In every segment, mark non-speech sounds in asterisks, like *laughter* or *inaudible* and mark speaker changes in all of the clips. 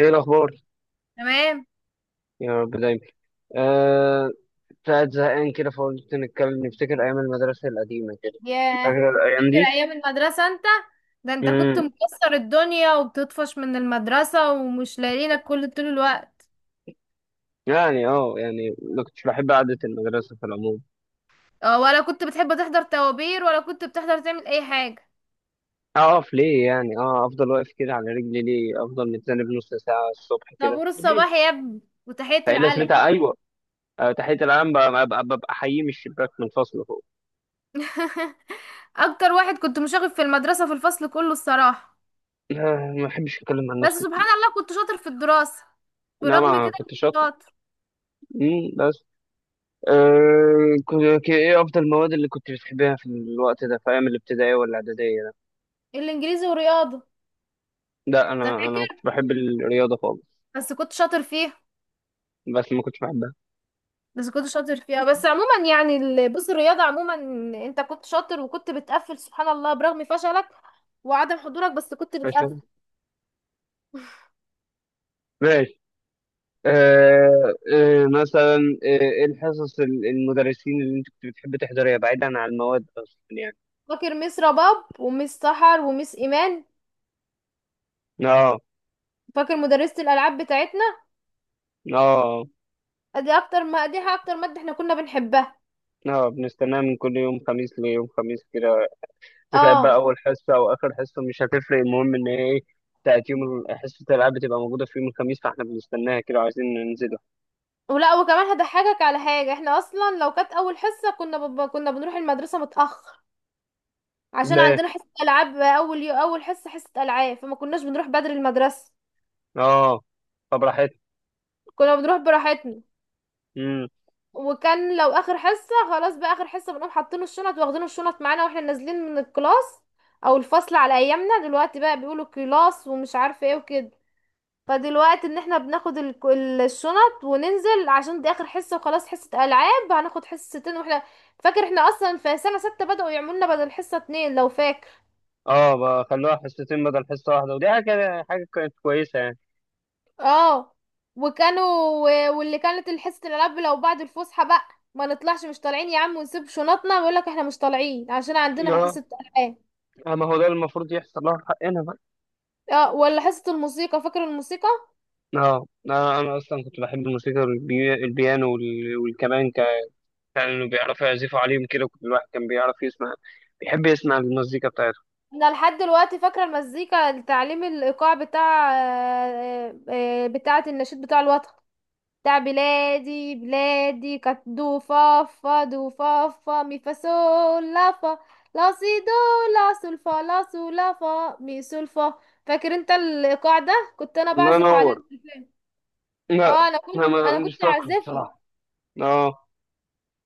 Speaker 1: ايه الاخبار؟
Speaker 2: تمام.
Speaker 1: يا رب دايما. آه قاعد زهقان كده، فقلت نتكلم نفتكر ايام المدرسه القديمه كده.
Speaker 2: ياه،
Speaker 1: فاكر الايام
Speaker 2: فاكر
Speaker 1: دي؟
Speaker 2: ايام المدرسة انت؟ ده انت كنت
Speaker 1: امم
Speaker 2: مكسر الدنيا وبتطفش من المدرسة ومش لاقيينك كل طول الوقت.
Speaker 1: يعني يعني ما كنتش بحب قعده المدرسه في العموم.
Speaker 2: اه، ولا كنت بتحب تحضر طوابير ولا كنت بتحضر تعمل اي حاجة؟
Speaker 1: اقف ليه يعني؟ اه افضل واقف كده على رجلي ليه؟ افضل متذنب نص ساعه الصبح كده
Speaker 2: طابور
Speaker 1: ليه؟
Speaker 2: الصباح يا ابني وتحية
Speaker 1: فايه
Speaker 2: العلم.
Speaker 1: لازمتها؟ ايوه، تحيه العام ببقى حييه من الشباك من الفصل فوق.
Speaker 2: *laughs* اكتر واحد كنت مشاغب في المدرسة في الفصل كله الصراحة.
Speaker 1: *laughs* ما بحبش اتكلم عن
Speaker 2: بس
Speaker 1: نفسي
Speaker 2: سبحان
Speaker 1: كتير.
Speaker 2: الله كنت شاطر في الدراسة،
Speaker 1: انا
Speaker 2: برغم
Speaker 1: ما
Speaker 2: كده كنت
Speaker 1: كنت شاطر.
Speaker 2: شاطر.
Speaker 1: بس، ايه افضل المواد اللي كنت بتحبها في الوقت ده؟ في ايام الابتدائيه ولا الاعداديه ده؟
Speaker 2: الانجليزي ورياضة.
Speaker 1: لا،
Speaker 2: انت
Speaker 1: انا ما كنتش
Speaker 2: فاكر؟
Speaker 1: بحب الرياضه خالص.
Speaker 2: بس كنت شاطر فيها.
Speaker 1: بس ما كنتش بحبها.
Speaker 2: بس كنت شاطر فيها، بس عموما يعني بص الرياضة عموما، انت كنت شاطر وكنت بتقفل سبحان الله برغم فشلك وعدم حضورك، بس كنت
Speaker 1: ماشي
Speaker 2: بتقفل.
Speaker 1: كده؟ ماشي. أه، أه، مثلا آه، ايه الحصص المدرسين اللي انت كنت بتحب تحضرها بعيدا عن المواد اصلا يعني؟
Speaker 2: فاكر ميس رباب وميس سحر وميس ايمان؟
Speaker 1: اه.
Speaker 2: فاكر مدرسة الالعاب بتاعتنا؟
Speaker 1: اه.
Speaker 2: دي اكتر ما دي اكتر مادة احنا كنا بنحبها.
Speaker 1: اه، بنستناها من كل يوم خميس ليوم خميس كده. تخيل بقى،
Speaker 2: اه،
Speaker 1: اول حصه او اخر حصه مش هتفرق، المهم ان هي ايه. بتاعت حصه الالعاب بتبقى موجوده في يوم الخميس، فاحنا بنستناها كده وعايزين ننزل.
Speaker 2: ولا وكمان هضحكك على حاجة، احنا اصلا لو كانت اول حصة كنا بنروح المدرسة متأخر، عشان
Speaker 1: ليه؟
Speaker 2: عندنا حصة العاب اول حصة حصة العاب، فما كناش بنروح بدري المدرسة.
Speaker 1: اه. طب راحت؟
Speaker 2: كنا بنروح براحتنا.
Speaker 1: امم
Speaker 2: وكان لو اخر حصه خلاص، بقى اخر حصه بنقوم حاطين الشنط واخدين الشنط معانا واحنا نازلين من الكلاس او الفصل. على ايامنا دلوقتي بقى بيقولوا كلاس ومش عارفه ايه وكده. فدلوقتي ان احنا بناخد الشنط وننزل عشان دي اخر حصه وخلاص، حصه العاب هناخد حصتين واحنا. فاكر احنا اصلا في سنه سته بداوا يعملوا لنا بدل حصه اتنين لو فاكر؟
Speaker 1: اه، بقى خلوها حصتين بدل حصه واحده، حاجه كانت كويسه يعني.
Speaker 2: اه. وكانوا، واللي كانت الحصه الالعاب لو بعد الفسحه بقى، ما نطلعش، مش طالعين يا عم، ونسيب شنطنا ويقول لك احنا مش طالعين عشان عندنا
Speaker 1: اه،
Speaker 2: حصه العاب.
Speaker 1: آه، ما هو ده المفروض يحصل لها في حقنا بقى.
Speaker 2: اه، ولا حصة الموسيقى، فاكر الموسيقى؟
Speaker 1: اه، انا اصلا كنت بحب الموسيقى البيانو والكمان كانوا بيعرفوا يعزفوا عليهم كده. كنت الواحد كان بيعرف يسمع، بيحب يسمع المزيكا بتاعتهم.
Speaker 2: انا لحد دلوقتي فاكرة المزيكا، تعليم الايقاع بتاع بتاعة النشيد بتاع الوطن، بتاع بلادي بلادي. كانت دو فا فا دو فا فا مي فا سول لا فا، لا سي دو، لا سول فا لا سول لا فا مي سول فا. فاكر انت الايقاع ده؟ كنت انا
Speaker 1: الله
Speaker 2: بعزف على
Speaker 1: ينور.
Speaker 2: التليفون.
Speaker 1: لا،
Speaker 2: اه، انا
Speaker 1: انا
Speaker 2: كنت انا
Speaker 1: مش
Speaker 2: كنت
Speaker 1: فاكره
Speaker 2: اعزفها.
Speaker 1: بصراحه. اه.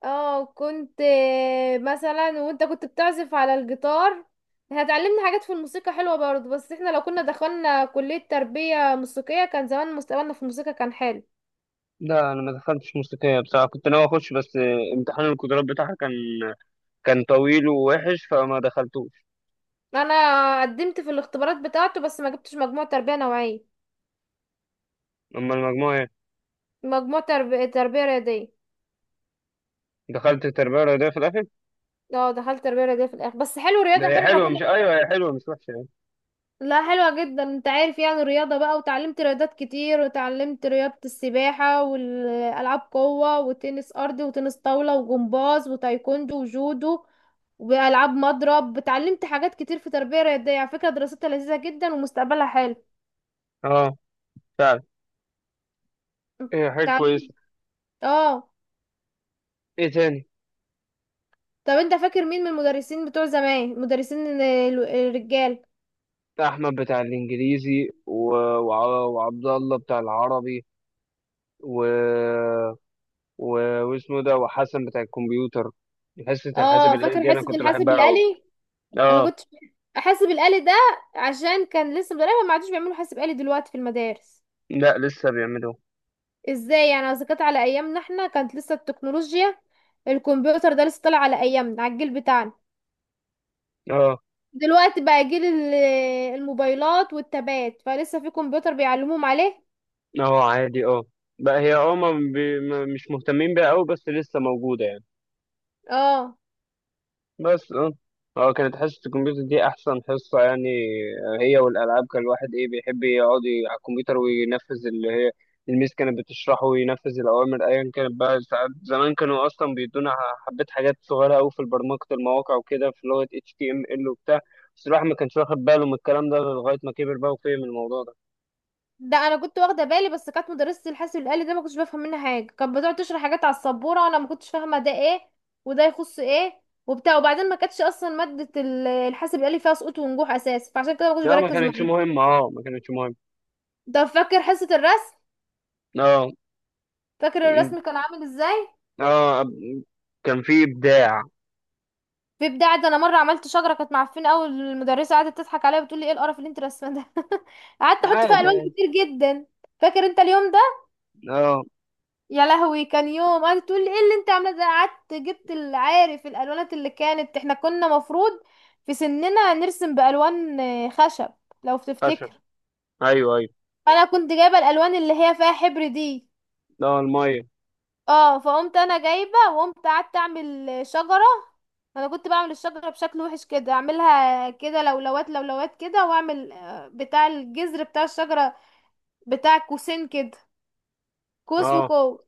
Speaker 2: اه كنت. مثلا وانت كنت بتعزف على الجيتار، هتعلمنا حاجات في الموسيقى حلوة برضه. بس احنا لو كنا دخلنا كلية تربية موسيقية كان زمان مستقبلنا في الموسيقى كان حلو.
Speaker 1: لا، انا ما دخلتش موسيقيه بصراحه، كنت ناوي اخش بس آه، امتحان القدرات بتاعها كان- كان طويل ووحش، فما دخلتوش.
Speaker 2: انا قدمت في الاختبارات بتاعته بس ما جبتش مجموع تربية نوعية.
Speaker 1: أما المجموع إيه؟
Speaker 2: مجموع تربية رياضية.
Speaker 1: دخلت التربية الرياضية في الآخر؟
Speaker 2: اه دخلت تربية رياضية في الاخر، بس حلو
Speaker 1: ده
Speaker 2: رياضة
Speaker 1: هي
Speaker 2: حلو احنا
Speaker 1: حلوة،
Speaker 2: كنا.
Speaker 1: مش أيوة هي حلوة مش وحشة يعني.
Speaker 2: لا حلوة جدا، انت عارف يعني الرياضة بقى، وتعلمت رياضات كتير وتعلمت رياضة السباحة والألعاب قوة وتنس أرضي وتنس طاولة وجمباز وتايكوندو وجودو وألعاب مضرب. اتعلمت حاجات كتير في تربية رياضية، على فكرة دراستها لذيذة جدا ومستقبلها حلو.
Speaker 1: أه، فعلا. هي حاجة كويسة.
Speaker 2: اتعلمت. اه.
Speaker 1: إيه تاني؟
Speaker 2: طب انت فاكر مين من المدرسين بتوع زمان، المدرسين الرجال؟
Speaker 1: أحمد بتاع الإنجليزي وعبد الله بتاع العربي، و... و... واسمه ده، وحسن بتاع الكمبيوتر. حصة الحاسب
Speaker 2: اه،
Speaker 1: الآلي
Speaker 2: فاكر
Speaker 1: دي أنا
Speaker 2: حصة
Speaker 1: كنت
Speaker 2: الحاسب
Speaker 1: بحبها أوي.
Speaker 2: الآلي؟ انا
Speaker 1: أه.
Speaker 2: كنت، حاسب الآلي ده، عشان كان لسه مدرسة. ما عادوش بيعملوا حاسب آلي دلوقتي في المدارس؟
Speaker 1: لا، لسه بيعملوها.
Speaker 2: ازاي يعني؟ اذا كانت على ايامنا احنا كانت لسه التكنولوجيا، الكمبيوتر ده لسه طالع على ايامنا على الجيل بتاعنا.
Speaker 1: أه.
Speaker 2: دلوقتي بقى جيل الموبايلات والتابات، فلسه في كمبيوتر بيعلموهم عليه؟
Speaker 1: أه، عادي، أه. بقى هي أه، ما بي... ما- مش مهتمين بيها أوي، بس لسه موجودة يعني.
Speaker 2: اه.
Speaker 1: بس اه، هو كانت حصة الكمبيوتر دي أحسن حصة يعني. آه، هي والألعاب، كان الواحد إيه بيحب يقعد على الكمبيوتر وينفذ اللي هي الميس كانت بتشرحه، وينفذ الأوامر أيا كانت بقى. ساعات زمان كانوا أصلا بيدونا حبة حاجات صغيرة أوي في برمجة المواقع وكده، في لغة HTML وبتاع. بس الواحد ما كانش واخد باله من الكلام ده لغاية ما كبر بقى وفهم الموضوع ده.
Speaker 2: ده انا كنت واخده بالي بس كانت مدرسه الحاسب الآلي ده ما كنتش بفهم منها حاجه، كانت بتقعد تشرح حاجات على السبوره وانا ما كنتش فاهمه ده ايه وده يخص ايه وبتاع. وبعدين ما كانتش اصلا ماده الحاسب الآلي فيها سقوط ونجوح اساسا، فعشان كده ما كنتش
Speaker 1: لا، ما
Speaker 2: بركز
Speaker 1: كانتش
Speaker 2: معاها.
Speaker 1: مهمة، اه ما كانتش مهمة.
Speaker 2: طب فاكر حصه الرسم؟
Speaker 1: اه.
Speaker 2: فاكر
Speaker 1: م-
Speaker 2: الرسم كان عامل ازاي؟
Speaker 1: اه، كان في إبداع.
Speaker 2: في ابداع. ده انا مره عملت شجره كانت معفنه قوي، المدرسه قعدت تضحك عليا وتقول لي ايه القرف اللي انت رسمه ده. *laughs* قعدت احط فيها
Speaker 1: عادي
Speaker 2: الوان
Speaker 1: عادي.
Speaker 2: كتير جدا. فاكر انت اليوم ده؟
Speaker 1: اه.
Speaker 2: يا لهوي، كان يوم، قعدت تقول لي ايه اللي انت عامله ده. قعدت جبت، العارف الالوانات اللي كانت، احنا كنا مفروض في سننا نرسم بالوان خشب، لو
Speaker 1: فشل.
Speaker 2: تفتكر.
Speaker 1: أيوه أيوه.
Speaker 2: انا كنت جايبه الالوان اللي هي فيها حبر دي.
Speaker 1: لا، المية.
Speaker 2: اه، فقمت انا جايبه وقمت قعدت اعمل شجره. انا كنت بعمل الشجره بشكل وحش كده، اعملها كده لولوات لولوات كده، واعمل بتاع الجذر بتاع الشجره، بتاع قوسين كده، قوس
Speaker 1: اه،
Speaker 2: وقوس.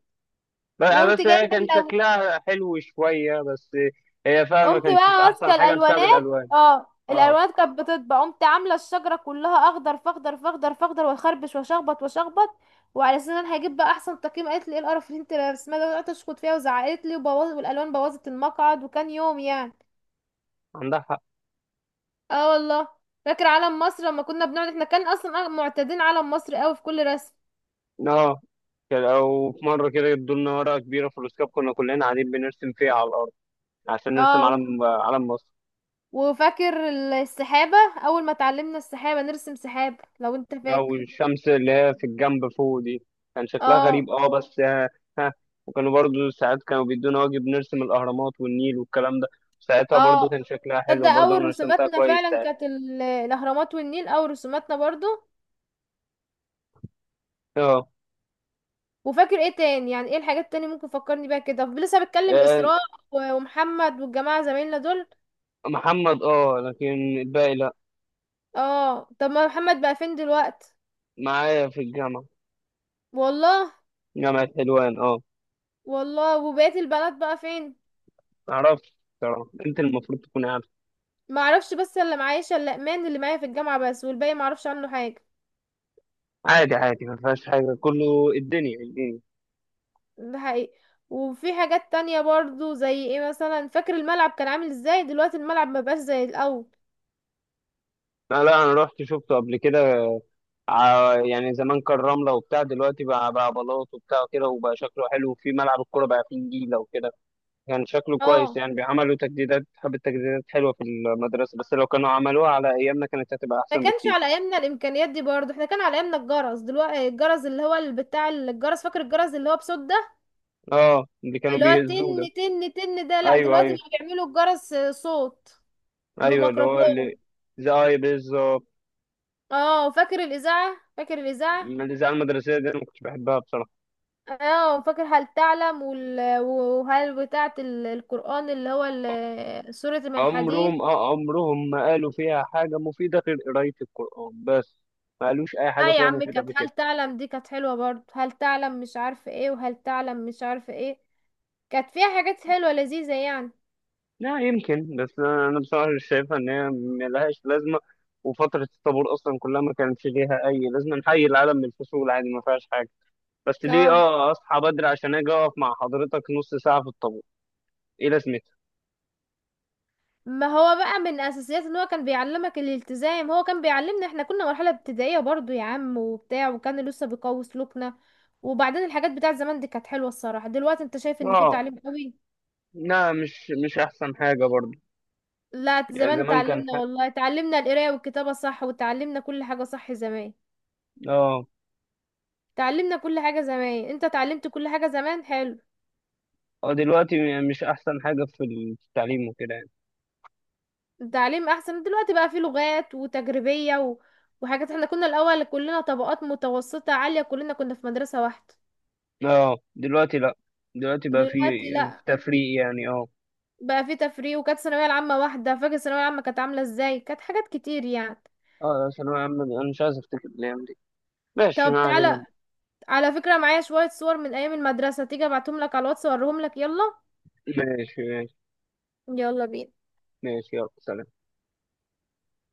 Speaker 1: بس آه،
Speaker 2: وقمت
Speaker 1: بس هي
Speaker 2: جايبه
Speaker 1: كان
Speaker 2: لو،
Speaker 1: شكلها حلو شوية بس. هي فعلا ما
Speaker 2: قمت
Speaker 1: كانتش
Speaker 2: بقى
Speaker 1: أحسن
Speaker 2: ماسكه
Speaker 1: حاجة بسبب
Speaker 2: الالوانات.
Speaker 1: الألوان.
Speaker 2: اه
Speaker 1: اه،
Speaker 2: الالوانات كانت بتطبع، قمت عامله الشجره كلها اخضر فاخضر فاخضر فاخضر واخربش واشخبط واشخبط، وعلى اساس ان انا هجيب بقى احسن تقييم. قالت لي ايه القرف اللي انت رسمها ده، وقعدت اشخط فيها وزعقت لي وبوظت، والالوان بوظت المقعد، وكان يوم يعني.
Speaker 1: عندها حق.
Speaker 2: اه والله. فاكر علم مصر لما كنا بنقعد، احنا كان اصلا معتادين علم مصر قوي في كل رسم.
Speaker 1: اه، كان- أو في مرة كده ادوا لنا ورقة كبيرة في الأسكاب، كنا كلنا قاعدين بنرسم فيها على الأرض عشان
Speaker 2: اه،
Speaker 1: نرسم علم مصر.
Speaker 2: وفاكر السحابة، اول ما اتعلمنا السحابة نرسم سحاب لو انت
Speaker 1: أو
Speaker 2: فاكر؟
Speaker 1: الشمس اللي هي في الجنب فوق دي، كان شكلها
Speaker 2: اه.
Speaker 1: غريب اه، بس ها. ها. وكانوا برضو ساعات كانوا بيدونا واجب نرسم الأهرامات والنيل والكلام ده. ساعتها برضو
Speaker 2: اه،
Speaker 1: كان شكلها
Speaker 2: تصدق
Speaker 1: حلو، برضو
Speaker 2: اول
Speaker 1: أنا رسمتها
Speaker 2: رسوماتنا
Speaker 1: كويس
Speaker 2: فعلا
Speaker 1: ساعتها.
Speaker 2: كانت الاهرامات والنيل، اول رسوماتنا برضو.
Speaker 1: اه.
Speaker 2: وفاكر ايه تاني؟ يعني ايه الحاجات التانية ممكن فكرني بيها كده، لسه بتكلم
Speaker 1: آه،
Speaker 2: اسراء ومحمد والجماعة زمايلنا دول.
Speaker 1: محمد اه، لكن الباقي لا.
Speaker 2: اه طب ما محمد بقى فين دلوقتي؟
Speaker 1: معايا في الجامعة.
Speaker 2: والله.
Speaker 1: جامعة حلوان، اه.
Speaker 2: والله، وبقية البنات بقى فين؟
Speaker 1: معرفش. بصراحة انت المفروض تكون عارف.
Speaker 2: ما اعرفش، بس اللي معايا شلقمان اللي معايا في الجامعة بس، والباقي ما اعرفش عنه حاجة.
Speaker 1: عادي عادي، ما فيهاش حاجة، كله الدنيا الدنيا.
Speaker 2: ده حقيقي. وفي حاجات تانية برضو زي ايه مثلا، فاكر الملعب كان عامل ازاي؟ دلوقتي الملعب ما بقاش زي الاول.
Speaker 1: لا لا، انا رحت شفته قبل كده. يعني زمان كان رملة وبتاع، دلوقتي بقى بلاط وبتاع كده، وبقى شكله حلو، وفي ملعب الكورة بقى فيه نجيلة وكده. كان شكله كويس
Speaker 2: اه،
Speaker 1: يعني، بيعملوا تجديدات، حبة تجديدات حلوة في المدرسة، بس لو كانوا عملوها على أيامنا كانت هتبقى
Speaker 2: ما
Speaker 1: أحسن
Speaker 2: كانش
Speaker 1: بكتير.
Speaker 2: على ايامنا الامكانيات دي برضو، احنا كان على ايامنا الجرس، دلوقتي الجرس اللي هو بتاع الجرس، فاكر الجرس اللي هو بصوت ده،
Speaker 1: اه، اللي كانوا
Speaker 2: اللي هو
Speaker 1: بيهزوه ده.
Speaker 2: تن تن تن ده؟ لا
Speaker 1: أيوه
Speaker 2: دلوقتي
Speaker 1: أيوه.
Speaker 2: بقى بيعملوا الجرس صوت
Speaker 1: ايوه، اللي هو
Speaker 2: بميكروفون.
Speaker 1: اللي، زي اي بالظبط.
Speaker 2: اه، فاكر الاذاعة؟ فاكر الاذاعة؟
Speaker 1: الاذاعه المدرسيه دي انا ما كنتش بحبها بصراحه.
Speaker 2: اه، فاكر هل تعلم وهل بتاعة القرآن اللي هو سورة من الحديد؟
Speaker 1: عمرهم، اه عمرهم ما قالوا فيها حاجه مفيده غير قرايه القران بس. ما قالوش اي حاجه
Speaker 2: لا يا
Speaker 1: فيها
Speaker 2: عم،
Speaker 1: مفيده
Speaker 2: كانت
Speaker 1: قبل
Speaker 2: هل
Speaker 1: كده.
Speaker 2: تعلم دي كانت حلوة برضه، هل تعلم مش عارفة ايه وهل تعلم مش عارفة ايه، كانت فيها حاجات حلوة لذيذة يعني.
Speaker 1: لا يمكن، بس أنا بصراحه مش شايفها ان هي ملهاش لازمه. وفتره الطابور اصلا كلها ما كانش ليها اي لازمه، نحيي العالم من الفصول عادي ما فيهاش حاجه. بس ليه
Speaker 2: اه،
Speaker 1: اه اصحى بدري عشان اجي اقف مع حضرتك نص ساعه في الطابور؟ ايه لازمتها؟
Speaker 2: ما هو بقى من اساسيات ان هو كان بيعلمك الالتزام، هو كان بيعلمنا، احنا كنا مرحلة ابتدائية برضو يا عم وبتاع، وكان لسه بيقوي سلوكنا. وبعدين الحاجات بتاعت زمان دي كانت حلوة الصراحة، دلوقتي انت شايف ان في
Speaker 1: اه،
Speaker 2: تعليم قوي؟
Speaker 1: لا، مش احسن حاجه برضه.
Speaker 2: لا
Speaker 1: يعني
Speaker 2: زمان
Speaker 1: زمان كان
Speaker 2: اتعلمنا، والله اتعلمنا القراية والكتابة صح، وتعلمنا كل حاجة صح زمان.
Speaker 1: اه.
Speaker 2: تعلمنا كل حاجة زمان، انت اتعلمت كل حاجة زمان، حلو.
Speaker 1: اه، دلوقتي مش احسن حاجة في التعليم وكده يعني.
Speaker 2: التعليم احسن دلوقتي، بقى فيه لغات وتجريبية و... وحاجات، احنا كنا الاول كلنا طبقات متوسطة عالية كلنا كنا في مدرسة واحدة.
Speaker 1: اه. دلوقتي لا، دلوقتي بقى في،
Speaker 2: دلوقتي لا،
Speaker 1: في تفريق يعني، اه.
Speaker 2: بقى فيه تفريق. وكانت الثانوية العامة واحدة، فاكر الثانوية العامة كانت عاملة ازاي؟ كانت حاجات كتير يعني.
Speaker 1: اه، ثانوية عامة دي، انا مش عايز افتكر الايام دي. ماشي،
Speaker 2: طب
Speaker 1: ما
Speaker 2: تعالى،
Speaker 1: علينا.
Speaker 2: على فكرة معايا شوية صور من ايام المدرسة، تيجي ابعتهم لك على الواتس اوريهم لك، يلا.
Speaker 1: ماشي. ماشي.
Speaker 2: يلا بينا.
Speaker 1: ماشي، يلا سلام.